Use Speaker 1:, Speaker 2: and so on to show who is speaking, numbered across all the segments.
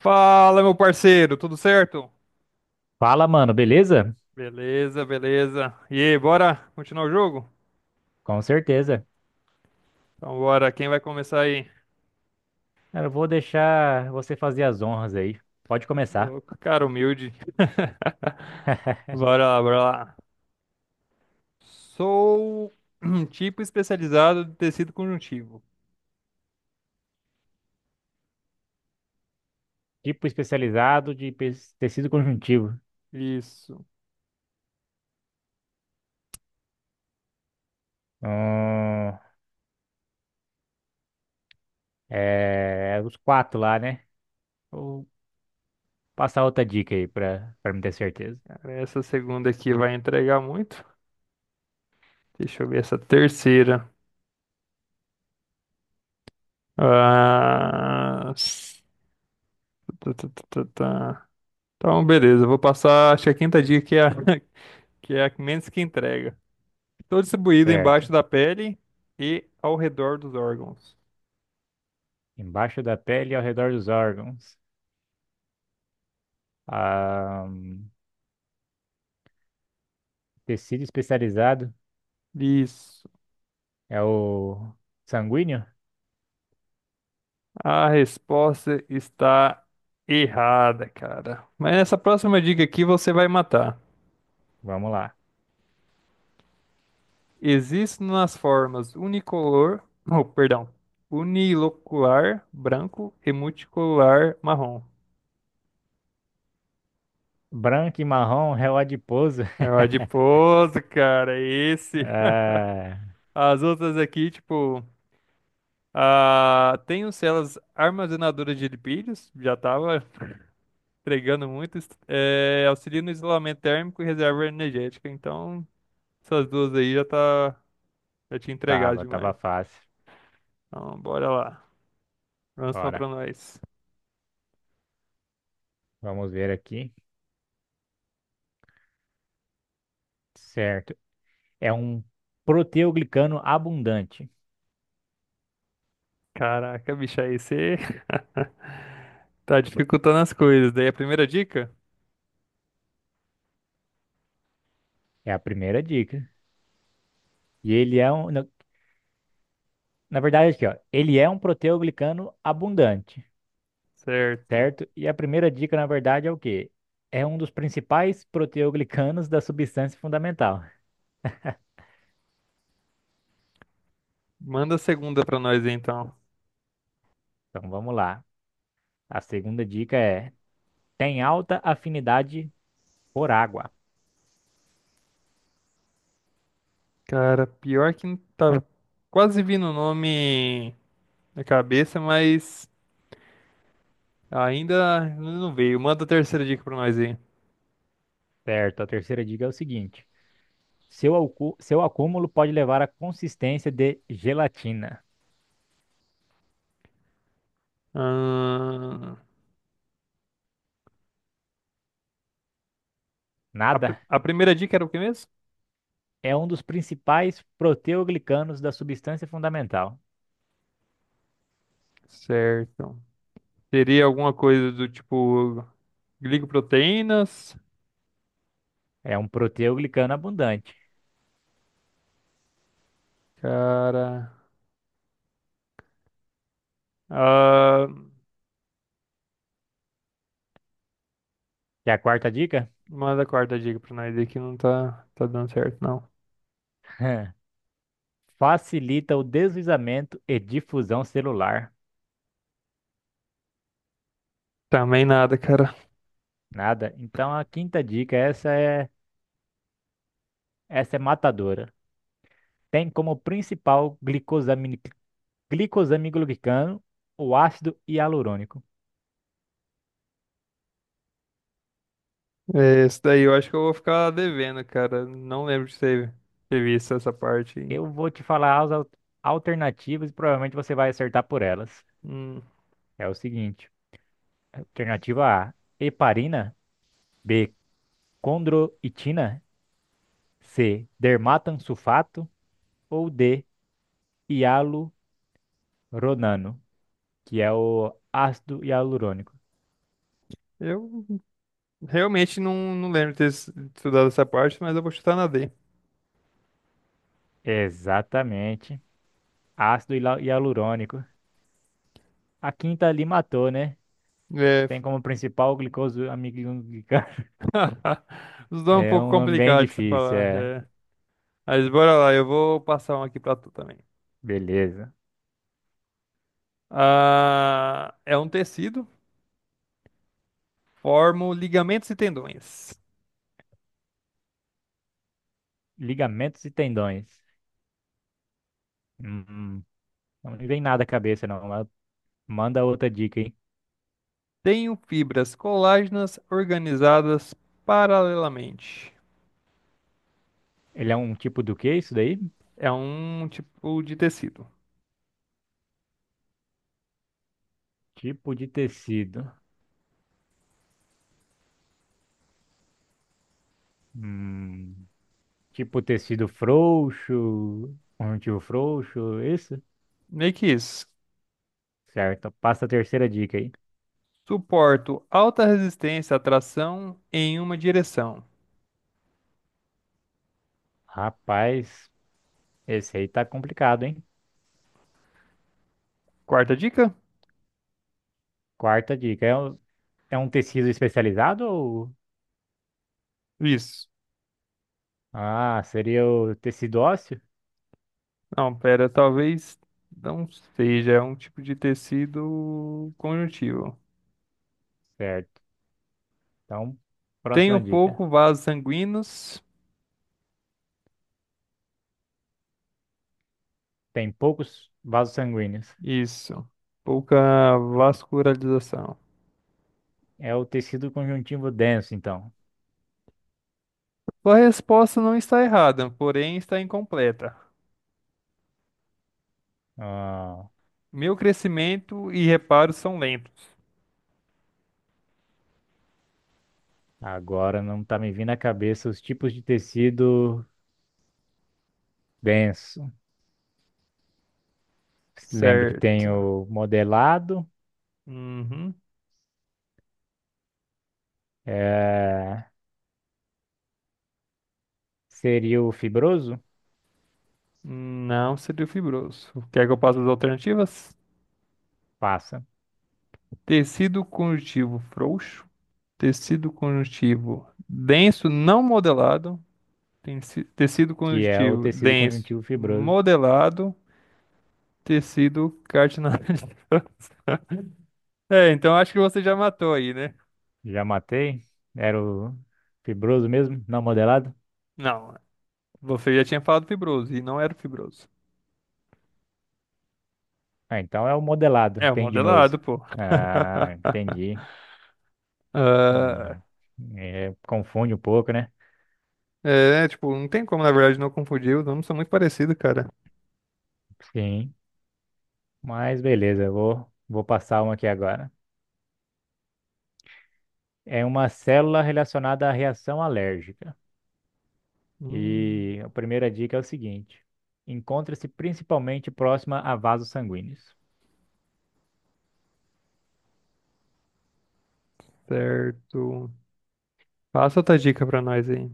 Speaker 1: Fala, meu parceiro, tudo certo?
Speaker 2: Fala, mano, beleza?
Speaker 1: Beleza, beleza. E aí, bora continuar o jogo?
Speaker 2: Com certeza.
Speaker 1: Então, bora. Quem vai começar aí?
Speaker 2: Cara, eu vou deixar você fazer as honras aí. Pode
Speaker 1: Ô,
Speaker 2: começar.
Speaker 1: Louco, cara humilde. Bora lá, bora lá. Sou um tipo especializado de tecido conjuntivo.
Speaker 2: Tipo especializado de tecido conjuntivo.
Speaker 1: Isso.
Speaker 2: Hum, É, os quatro lá, né? Vou passar outra dica aí pra me ter certeza.
Speaker 1: Cara, essa segunda aqui vai entregar muito. Deixa eu ver essa terceira. Ah... s- tá, tá, tá, tá, tá. Então, beleza. Eu Vou passar, acho que a quinta dica que é a menos que entrega. Estou distribuído
Speaker 2: Certo.
Speaker 1: embaixo da pele e ao redor dos órgãos.
Speaker 2: Embaixo da pele e ao redor dos órgãos. Ah, tecido especializado
Speaker 1: Isso.
Speaker 2: é o sanguíneo?
Speaker 1: A resposta está errada, cara. Mas nessa próxima dica aqui você vai matar.
Speaker 2: Vamos lá.
Speaker 1: Existe nas formas unicolor, oh, perdão, unilocular branco e multicolor marrom.
Speaker 2: Branco e marrom, é o adiposo.
Speaker 1: É o adiposo, cara, é esse.
Speaker 2: Ah,
Speaker 1: As outras aqui, tipo, ah, tenho células armazenadoras de lipídios, já tava entregando muito, é, auxilia no isolamento térmico e reserva energética. Então, essas duas aí já tá, já tinha entregado
Speaker 2: tava
Speaker 1: demais.
Speaker 2: fácil.
Speaker 1: Então, bora lá. Próxima
Speaker 2: Bora.
Speaker 1: pra nós.
Speaker 2: Vamos ver aqui. Certo. É um proteoglicano abundante.
Speaker 1: Caraca, bicho, aí você tá dificultando as coisas. Daí a primeira dica?
Speaker 2: É a primeira dica. E ele é um. Na verdade, aqui, ó, ele é um proteoglicano abundante.
Speaker 1: Certo.
Speaker 2: Certo? E a primeira dica, na verdade, é o quê? É um dos principais proteoglicanos da substância fundamental.
Speaker 1: Manda a segunda pra nós então.
Speaker 2: Então vamos lá. A segunda dica é: tem alta afinidade por água.
Speaker 1: Cara, pior que não tá quase vindo o nome na cabeça, mas ainda não veio. Manda a terceira dica pra nós aí.
Speaker 2: Certo? A terceira dica é o seguinte. Seu acúmulo pode levar à consistência de gelatina.
Speaker 1: Ahn,
Speaker 2: Nada,
Speaker 1: a primeira dica era o que mesmo?
Speaker 2: é um dos principais proteoglicanos da substância fundamental.
Speaker 1: Certo. Seria alguma coisa do tipo glicoproteínas?
Speaker 2: É um proteoglicano abundante.
Speaker 1: Cara. Ah,
Speaker 2: E a quarta dica?
Speaker 1: manda a quarta dica pra nós aí que não tá, tá dando certo, não.
Speaker 2: Facilita o deslizamento e difusão celular.
Speaker 1: Também nada, cara.
Speaker 2: Nada. Então a quinta dica, essa é matadora. Tem como principal glicosamiglobicano o ácido hialurônico.
Speaker 1: É, esse daí eu acho que eu vou ficar devendo, cara. Não lembro ter visto essa parte aí.
Speaker 2: Eu vou te falar as alternativas e provavelmente você vai acertar por elas.
Speaker 1: Hum,
Speaker 2: É o seguinte: alternativa A, heparina; B, condroitina; C, dermatansulfato; ou D, hialuronano, que é o ácido hialurônico.
Speaker 1: eu realmente não lembro de estudado essa parte, mas eu vou chutar na D.
Speaker 2: Exatamente, ácido hialurônico. A quinta ali matou, né?
Speaker 1: É.
Speaker 2: Tem como principal o glicosamiliglicano.
Speaker 1: Os dois é um
Speaker 2: É
Speaker 1: pouco
Speaker 2: um nome bem
Speaker 1: complicado de se
Speaker 2: difícil,
Speaker 1: falar.
Speaker 2: é.
Speaker 1: É. Mas bora lá, eu vou passar um aqui pra tu também.
Speaker 2: Beleza.
Speaker 1: Ah, é um tecido, formo ligamentos e tendões.
Speaker 2: Ligamentos e tendões. Hum, Não me vem nada à cabeça, não, mas manda outra dica, hein?
Speaker 1: Tenho fibras colágenas organizadas paralelamente.
Speaker 2: Ele é um tipo do que isso daí?
Speaker 1: É um tipo de tecido.
Speaker 2: Tipo de tecido. Hum, tipo tecido frouxo, conjuntivo frouxo, isso?
Speaker 1: Meio que isso.
Speaker 2: Certo. Passa a terceira dica aí.
Speaker 1: Suporto alta resistência à tração em uma direção.
Speaker 2: Rapaz, esse aí tá complicado, hein?
Speaker 1: Quarta dica?
Speaker 2: Quarta dica. É um tecido especializado ou...
Speaker 1: Isso.
Speaker 2: Ah, seria o tecido ósseo?
Speaker 1: Não, pera, talvez não seja. É um tipo de tecido conjuntivo.
Speaker 2: Certo. Então,
Speaker 1: Tenho
Speaker 2: próxima dica.
Speaker 1: pouco vasos sanguíneos.
Speaker 2: Tem poucos vasos sanguíneos.
Speaker 1: Isso. Pouca vascularização.
Speaker 2: É o tecido conjuntivo denso, então.
Speaker 1: Sua resposta não está errada, porém está incompleta.
Speaker 2: Ah,
Speaker 1: Meu crescimento e reparo são lentos.
Speaker 2: agora não tá me vindo à cabeça os tipos de tecido denso. Lembro que tem
Speaker 1: Certo.
Speaker 2: o modelado,
Speaker 1: Uhum.
Speaker 2: eh, seria o fibroso,
Speaker 1: Não seria fibroso. Quer que eu passe as alternativas?
Speaker 2: passa,
Speaker 1: Tecido conjuntivo frouxo, tecido conjuntivo denso não modelado, tecido
Speaker 2: que é o
Speaker 1: conjuntivo
Speaker 2: tecido
Speaker 1: denso
Speaker 2: conjuntivo fibroso.
Speaker 1: modelado, tecido cartilaginoso. É, então acho que você já matou aí, né?
Speaker 2: Já matei? Era o fibroso mesmo? Não modelado?
Speaker 1: Não, você já tinha falado fibroso e não era fibroso.
Speaker 2: Ah, então é o
Speaker 1: É
Speaker 2: modelado,
Speaker 1: o
Speaker 2: tendinoso.
Speaker 1: modelado, pô.
Speaker 2: Ah, entendi.
Speaker 1: Ah,
Speaker 2: Hum, É, confunde um pouco, né?
Speaker 1: é, tipo, não tem como, na verdade, não confundir. Os nomes são muito parecidos, cara.
Speaker 2: Sim, mas beleza, eu vou passar uma aqui agora. É uma célula relacionada à reação alérgica.
Speaker 1: Hum,
Speaker 2: E a primeira dica é o seguinte: encontra-se principalmente próxima a vasos sanguíneos.
Speaker 1: certo. Passa outra dica pra nós aí.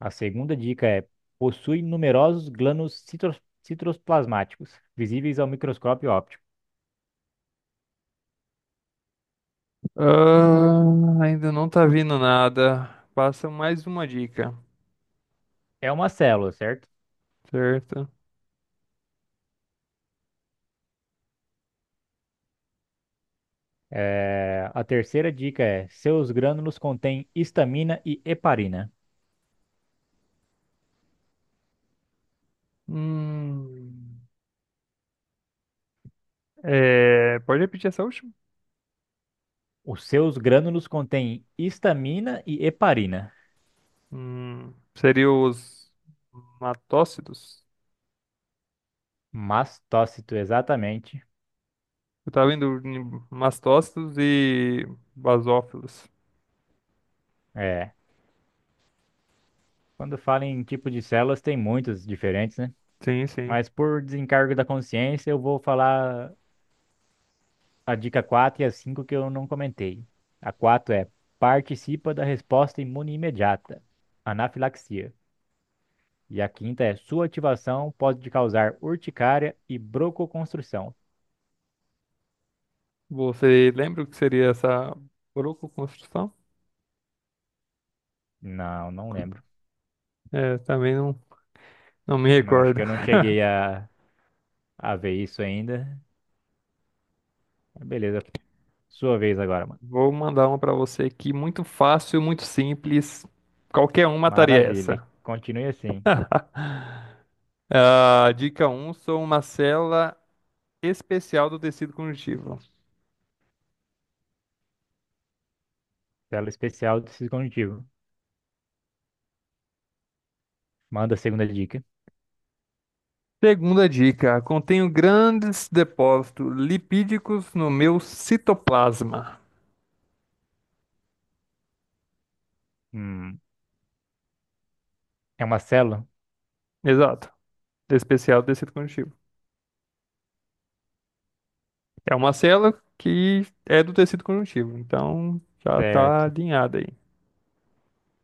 Speaker 2: A segunda dica é: possui numerosos glândulos citoplasmáticos, visíveis ao microscópio óptico.
Speaker 1: Ah, ainda não tá vindo nada. Passa mais uma dica,
Speaker 2: É uma célula, certo?
Speaker 1: certo?
Speaker 2: É, a terceira dica é: seus grânulos contêm histamina e heparina.
Speaker 1: Hum, é, pode repetir essa última?
Speaker 2: Os seus grânulos contêm histamina e heparina.
Speaker 1: Seria os matócidos?
Speaker 2: Mastócito, exatamente.
Speaker 1: Eu tava em mastócitos e basófilos.
Speaker 2: É. Quando fala em tipo de células, tem muitos diferentes, né?
Speaker 1: Sim, sim.
Speaker 2: Mas por desencargo da consciência, eu vou falar a dica 4 e a 5 que eu não comentei. A 4 é: participa da resposta imune imediata, anafilaxia. E a quinta é: sua ativação pode te causar urticária e broncoconstrução.
Speaker 1: Você lembra o que seria essa broncoconstrução?
Speaker 2: Não, não lembro.
Speaker 1: É, também não me
Speaker 2: Não, acho
Speaker 1: recordo.
Speaker 2: que eu não cheguei a ver isso ainda. Beleza, sua vez agora, mano.
Speaker 1: Vou mandar uma pra você aqui, muito fácil, muito simples. Qualquer um mataria
Speaker 2: Maravilha.
Speaker 1: essa.
Speaker 2: Continue assim.
Speaker 1: Ah, dica um sou uma célula especial do tecido conjuntivo.
Speaker 2: Tela especial do Cisco. Manda a segunda dica.
Speaker 1: Segunda dica, contenho grandes depósitos lipídicos no meu citoplasma.
Speaker 2: Hum, É uma célula?
Speaker 1: Exato, especial do tecido conjuntivo. É uma célula que é do tecido conjuntivo, então já está
Speaker 2: Certo.
Speaker 1: alinhada aí.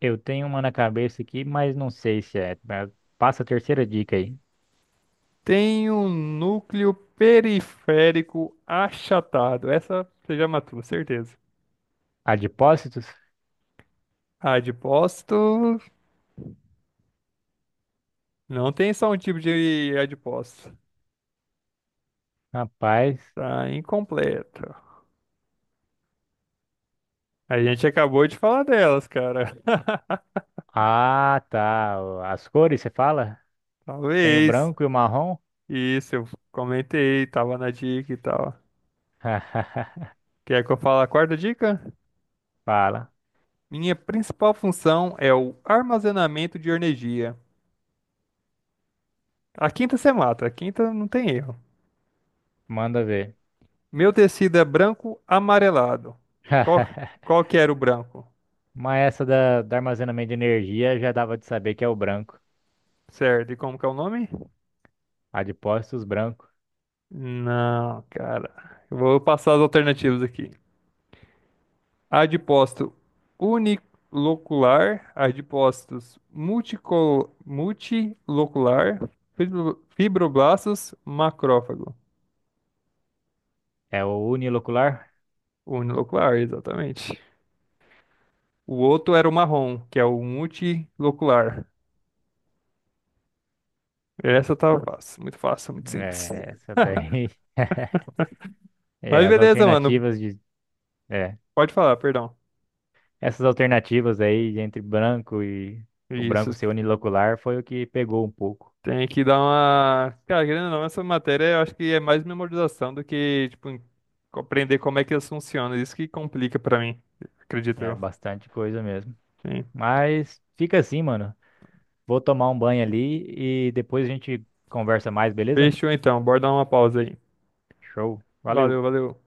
Speaker 2: Eu tenho uma na cabeça aqui, mas não sei se é. Mas passa a terceira dica aí.
Speaker 1: Tem um núcleo periférico achatado. Essa você já matou, certeza.
Speaker 2: Adipócitos?
Speaker 1: Adipócito não tem só um tipo de adipócito.
Speaker 2: Rapaz.
Speaker 1: Tá incompleto. A gente acabou de falar delas, cara.
Speaker 2: Ah, tá. As cores, você fala? Tem o
Speaker 1: Talvez.
Speaker 2: branco e o marrom?
Speaker 1: Isso, eu comentei, tava na dica e tal. Quer que eu fale a quarta dica?
Speaker 2: Fala.
Speaker 1: Minha principal função é o armazenamento de energia. A quinta você mata, a quinta não tem erro.
Speaker 2: Manda ver.
Speaker 1: Meu tecido é branco amarelado. Qual, qual que era o branco?
Speaker 2: Mas essa da armazenamento de energia já dava de saber que é o branco.
Speaker 1: Certo, e como que é o nome?
Speaker 2: Adipócitos branco.
Speaker 1: Não, cara. Eu vou passar as alternativas aqui. Adipócito unilocular, adipócitos multilocular, fibroblastos, macrófago.
Speaker 2: É o unilocular?
Speaker 1: Unilocular, exatamente. O outro era o marrom, que é o multilocular. Essa tá fácil, muito simples.
Speaker 2: É, essa daí. É,
Speaker 1: Mas
Speaker 2: as
Speaker 1: beleza, mano.
Speaker 2: alternativas de. É.
Speaker 1: Pode falar, perdão.
Speaker 2: Essas alternativas aí entre branco e o
Speaker 1: Isso.
Speaker 2: branco ser unilocular foi o que pegou um pouco.
Speaker 1: Tem que dar uma. Cara, querendo ou não, essa matéria eu acho que é mais memorização do que, tipo, compreender como é que elas funcionam. Isso que complica pra mim, acredito
Speaker 2: É
Speaker 1: eu.
Speaker 2: bastante coisa mesmo.
Speaker 1: Sim.
Speaker 2: Mas fica assim, mano. Vou tomar um banho ali e depois a gente conversa mais, beleza?
Speaker 1: Fechou então, bora dar uma pausa aí.
Speaker 2: Show. Valeu.
Speaker 1: Valeu, valeu.